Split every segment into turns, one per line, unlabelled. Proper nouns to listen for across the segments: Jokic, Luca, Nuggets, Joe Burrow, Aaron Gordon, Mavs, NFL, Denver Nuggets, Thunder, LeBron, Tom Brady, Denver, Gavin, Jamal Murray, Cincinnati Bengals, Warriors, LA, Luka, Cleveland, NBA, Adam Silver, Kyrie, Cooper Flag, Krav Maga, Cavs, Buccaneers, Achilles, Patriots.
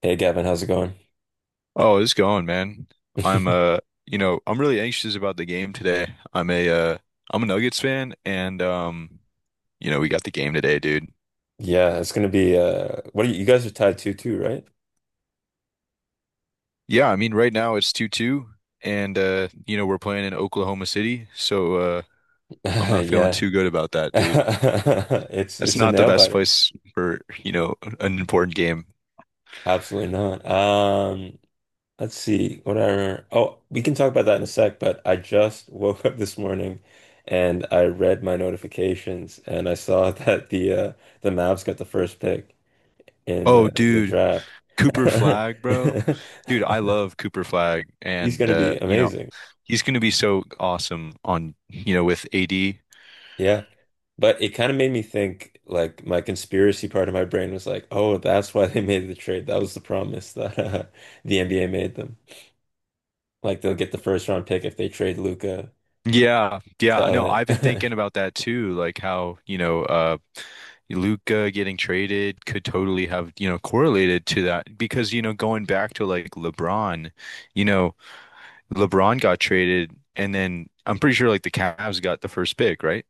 Hey Gavin, how's it going?
Oh, it's going, man. I'm you know, I'm really anxious about the game today. I'm a Nuggets fan, and you know, we got the game today, dude.
Yeah, it's gonna be what are you, you guys are tied tattooed too, right?
Yeah, I mean, right now it's 2-2, and you know, we're playing in Oklahoma City, so I'm not feeling
Yeah.
too good about that, dude.
It's
That's
it's a
not the
nail
best
biter.
place for, you know, an important game.
Absolutely not. Let's see what I remember. Oh, we can talk about that in a sec, but I just woke up this morning and I read my notifications and I saw that the Mavs got the first pick in
Oh,
the
dude,
draft.
Cooper Flag, bro. Dude, I love Cooper Flag
He's
and
gonna
uh,
be
you know,
amazing.
he's going to be so awesome on, you know, with AD.
Yeah. But it kind of made me think, like, my conspiracy part of my brain was like, oh, that's why they made the trade. That was the promise that the NBA made them. Like, they'll get the first round pick if they trade Luca
Yeah, yeah,
to
I know. I've been
LA.
thinking about that too, like how, you know, Luka getting traded could totally have, you know, correlated to that because, you know, going back to like LeBron, you know, LeBron got traded, and then I'm pretty sure like the Cavs got the first pick, right?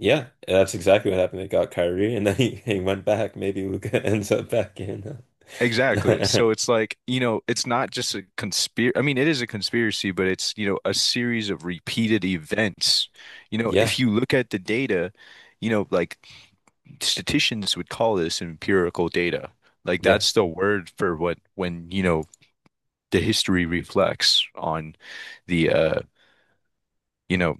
Yeah, that's exactly what happened. They got Kyrie and then he went back. Maybe Luca ends up back in.
Exactly.
uh,
So it's like, you know, it's not just a conspiracy. I mean, it is a conspiracy, but it's, you know, a series of repeated events. You know,
Yeah,
if you look at the data, you know, like statisticians would call this empirical data. Like
yeah.
that's the word for what when, you know, the history reflects on the you know,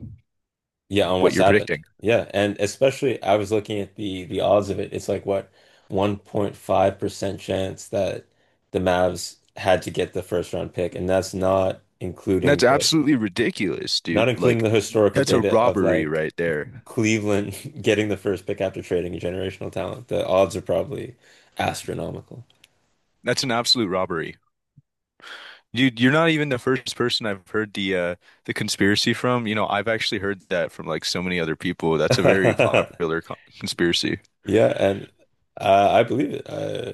Yeah, on
what
what's
you're
happened.
predicting.
Yeah, and especially I was looking at the odds of it. It's like what 1.5% chance that the Mavs had to get the first round pick, and that's not including
That's
the
absolutely ridiculous, dude. Like,
historical
that's a
data of
robbery
like
right there.
Cleveland getting the first pick after trading a generational talent. The odds are probably astronomical.
That's an absolute robbery. You're not even the first person I've heard the conspiracy from. You know, I've actually heard that from like so many other people. That's a very popular conspiracy.
Yeah, and I believe it.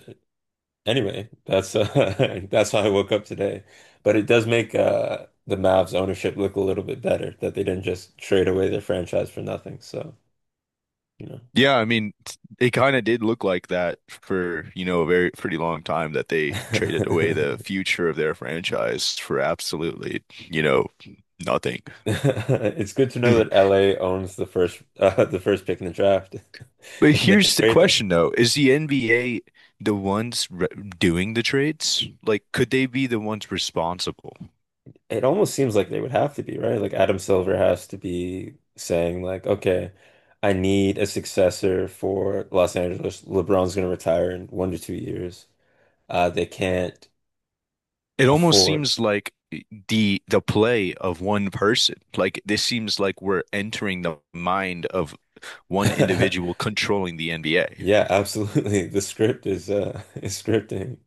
Anyway, that's that's how I woke up today. But it does make the Mavs ownership look a little bit better that they didn't just trade away their franchise for nothing. So, you know.
Yeah, I mean, it kind of did look like that for, you know, a very pretty long time that they traded away the future of their franchise for absolutely, you know, nothing.
It's good to know that LA owns the first the first pick in the draft
But
and they can
here's the
trade that.
question though, is the NBA the ones re doing the trades? Like, could they be the ones responsible?
It almost seems like they would have to be, right? Like, Adam Silver has to be saying, like, okay, I need a successor for Los Angeles. LeBron's going to retire in 1 to 2 years. They can't
It almost
afford,
seems like the play of one person. Like this seems like we're entering the mind of one individual controlling the NBA.
Yeah, absolutely. The script is is scripting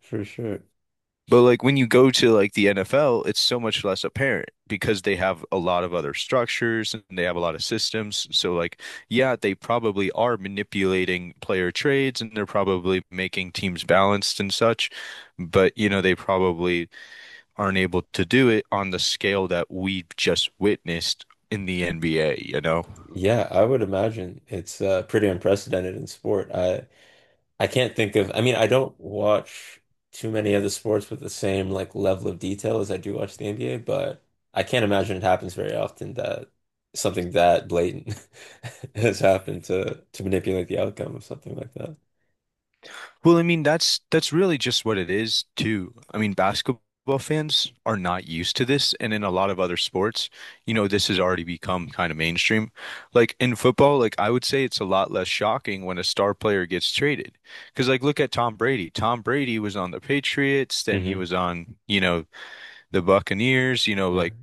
for sure.
But like when you go to like the NFL, it's so much less apparent because they have a lot of other structures and they have a lot of systems. So like, yeah, they probably are manipulating player trades and they're probably making teams balanced and such, but you know, they probably aren't able to do it on the scale that we just witnessed in the NBA, you know?
Yeah, I would imagine it's pretty unprecedented in sport. I can't think of, I mean, I don't watch too many other sports with the same like level of detail as I do watch the NBA, but I can't imagine it happens very often that something that blatant has happened to manipulate the outcome of something like that.
Well, I mean, that's really just what it is too. I mean, basketball fans are not used to this, and in a lot of other sports, you know, this has already become kind of mainstream. Like in football, like I would say it's a lot less shocking when a star player gets traded. Because like look at Tom Brady. Tom Brady was on the Patriots, then he
Hmm.
was on, you know, the Buccaneers, you know, like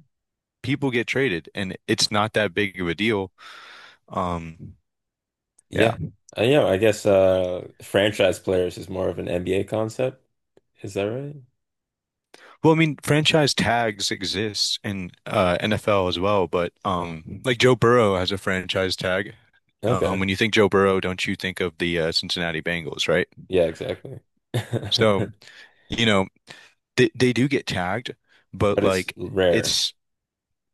people get traded and it's not that big of a deal. Um, yeah.
Yeah. Yeah, I guess franchise players is more of an NBA concept. Is that right?
Well, I mean, franchise tags exist in NFL as well, but like Joe Burrow has a franchise tag.
Okay.
When you think Joe Burrow, don't you think of the Cincinnati Bengals, right?
Yeah, exactly.
So, you know, they do get tagged, but
But it's
like
rare.
it's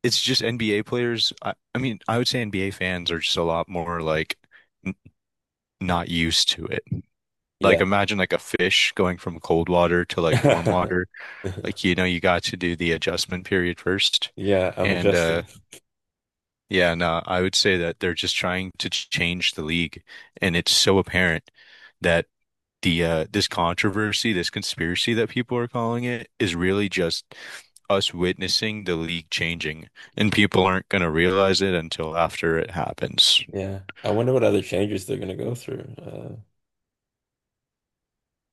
it's just NBA players. I mean, I would say NBA fans are just a lot more like n not used to it. Like
Yeah.
imagine like a fish going from cold water to like warm water. Like, you know, you got to do the adjustment period first.
Yeah, I'm
And
adjusting.
yeah, no, I would say that they're just trying to change the league, and it's so apparent that the this controversy, this conspiracy that people are calling it, is really just us witnessing the league changing, and people aren't gonna realize it until after it happens.
Yeah. I wonder what other changes they're gonna go through.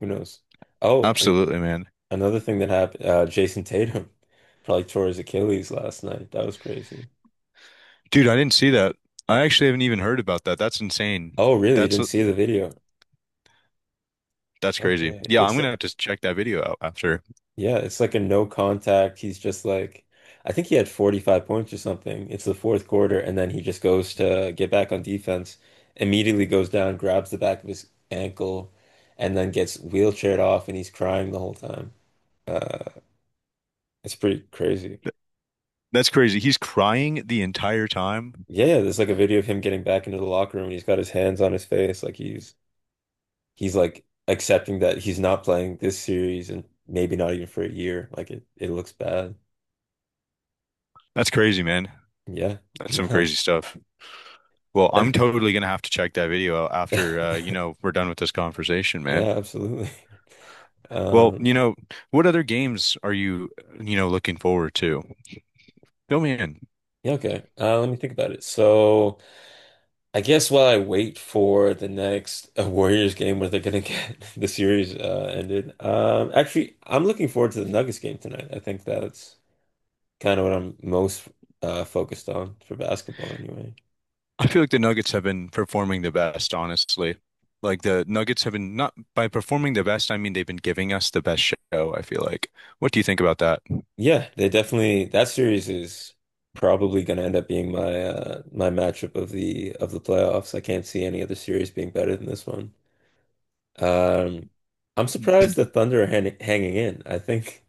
Who knows? Oh, an
Absolutely, man.
Another thing that happened, uh, Jason Tatum probably tore his Achilles last night. That was crazy.
Dude, I didn't see that. I actually haven't even heard about that. That's insane.
Oh, really? You
That's
didn't see the video?
that's crazy.
Okay.
Yeah, I'm
It's
gonna have to check that video out after.
Yeah, it's like a no contact. He's just like, I think he had 45 points or something. It's the fourth quarter, and then he just goes to get back on defense, immediately goes down, grabs the back of his ankle, and then gets wheelchaired off, and he's crying the whole time. Uh, it's pretty crazy.
Th- That's crazy. He's crying the entire time.
Yeah, yeah, there's like a video of him getting back into the locker room, and he's got his hands on his face, like he's like accepting that he's not playing this series and maybe not even for a year. Like, it looks bad.
That's crazy, man.
Yeah,
That's some crazy
nice.
stuff. Well, I'm
And
totally gonna have to check that video out after you know, we're done with this conversation, man.
yeah, absolutely.
Well,
Um,
you know, what other games are you, you know, looking forward to? Fill me in.
yeah, okay. Let me think about it. So, I guess while I wait for the next Warriors game where they're gonna get the series ended, actually, I'm looking forward to the Nuggets game tonight. I think that's kind of what I'm most focused on for basketball, anyway.
I feel like the Nuggets have been performing the best, honestly. Like the Nuggets have been not by performing the best, I mean they've been giving us the best show, I feel like. What do you think about that?
Yeah, they definitely, that series is probably gonna end up being my my matchup of the playoffs. I can't see any other series being better than this one. Um, I'm
The
surprised the Thunder are hanging in. I think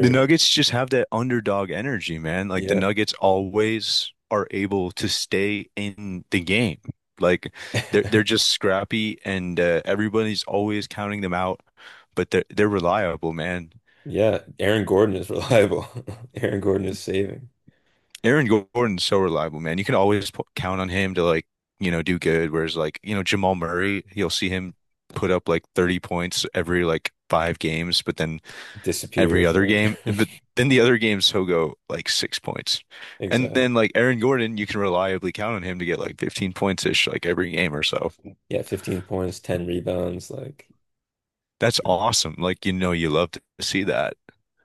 the Nuggets just have that underdog energy, man. Like the
yeah.
Nuggets always are able to stay in the game. Like they're just scrappy, and everybody's always counting them out. But they're reliable, man.
Yeah, Aaron Gordon is reliable. Aaron Gordon is saving.
Aaron Gordon's so reliable, man. You can always p count on him to like you know do good. Whereas like you know Jamal Murray, you'll see him put up like 30 points every like five games, but then
Disappear
every other
for
game. But then the other games he'll go like 6 points. And
exact.
then like Aaron Gordon, you can reliably count on him to get like 15 points ish like every game or so.
Yeah, 15 points, 10 rebounds. Like,
That's awesome. Like you know you love to see that.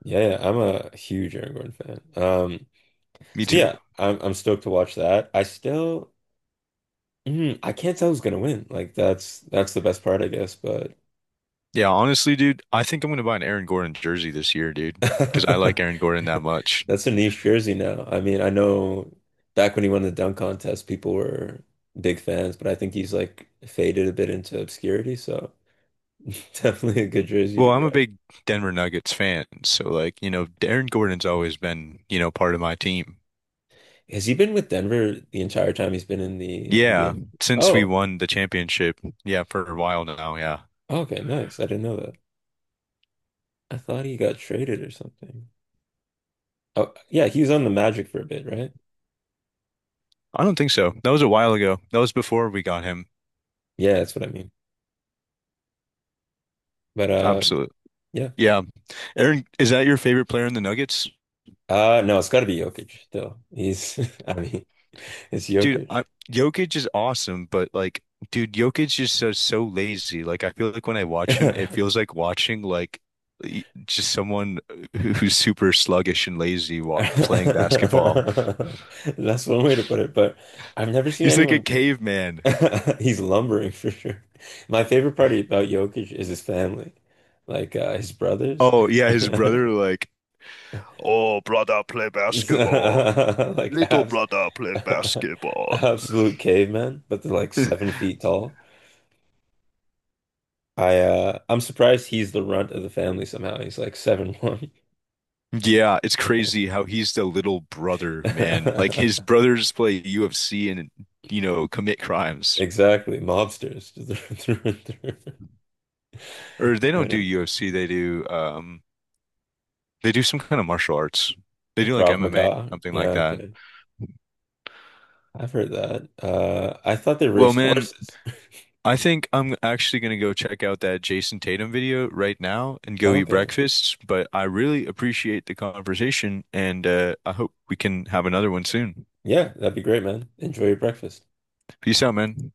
yeah, yeah, I'm a huge Aaron Gordon fan.
Me
So
too.
yeah, I'm stoked to watch that. I still, mm, I can't tell who's gonna win. Like, that's the best part, I guess. But
Yeah, honestly, dude, I think I'm gonna buy an Aaron Gordon jersey this year, dude, because I like Aaron Gordon that much.
that's a niche jersey now. I mean, I know back when he won the dunk contest, people were big fans, but I think he's like faded a bit into obscurity. So definitely a good jersey
Well,
to
I'm a
grab.
big Denver Nuggets fan, so like, you know, Aaron Gordon's always been, you know, part of my team.
Has he been with Denver the entire time he's been in the
Yeah,
NBA?
since we
Oh,
won the championship, yeah, for a while now, yeah.
okay, nice. I didn't know that. I thought he got traded or something. Oh, yeah, he was on the Magic for a bit, right?
I don't think so. That was a while ago. That was before we got him.
Yeah, that's what I mean. But
Absolutely.
yeah.
Yeah. Aaron, is that your favorite player in the Nuggets?
No, it's got to be Jokic still. I mean, it's
Dude,
Jokic.
I, Jokic is awesome, but like, dude, Jokic is so lazy. Like, I feel like when I watch him, it
That's
feels like watching like just someone who's super sluggish and lazy wa playing basketball.
one way to put it, but I've never seen
He's like a
anyone.
caveman.
He's lumbering for sure. My favorite part about Jokic is his family, like his brothers,
Oh yeah, his
like
brother like, oh brother, play basketball. Little
abs
brother, play basketball.
absolute cavemen, but they're like 7 feet tall. I'm surprised he's the runt of the family somehow. He's like 7'1".
Yeah, it's crazy how he's the little brother, man. Like his brothers play UFC and you know commit crimes.
Exactly, mobsters through and through. I
Or they don't do
don't-
UFC. They do some kind of martial arts. They do like
Krav
MMA,
Maga.
something like
Yeah,
that.
okay. I've heard that. I thought they
Well,
raced
man,
horses.
I think I'm actually gonna go check out that Jason Tatum video right now and go eat
Okay.
breakfast. But I really appreciate the conversation, and I hope we can have another one soon.
Yeah, that'd be great, man. Enjoy your breakfast.
Peace out, man.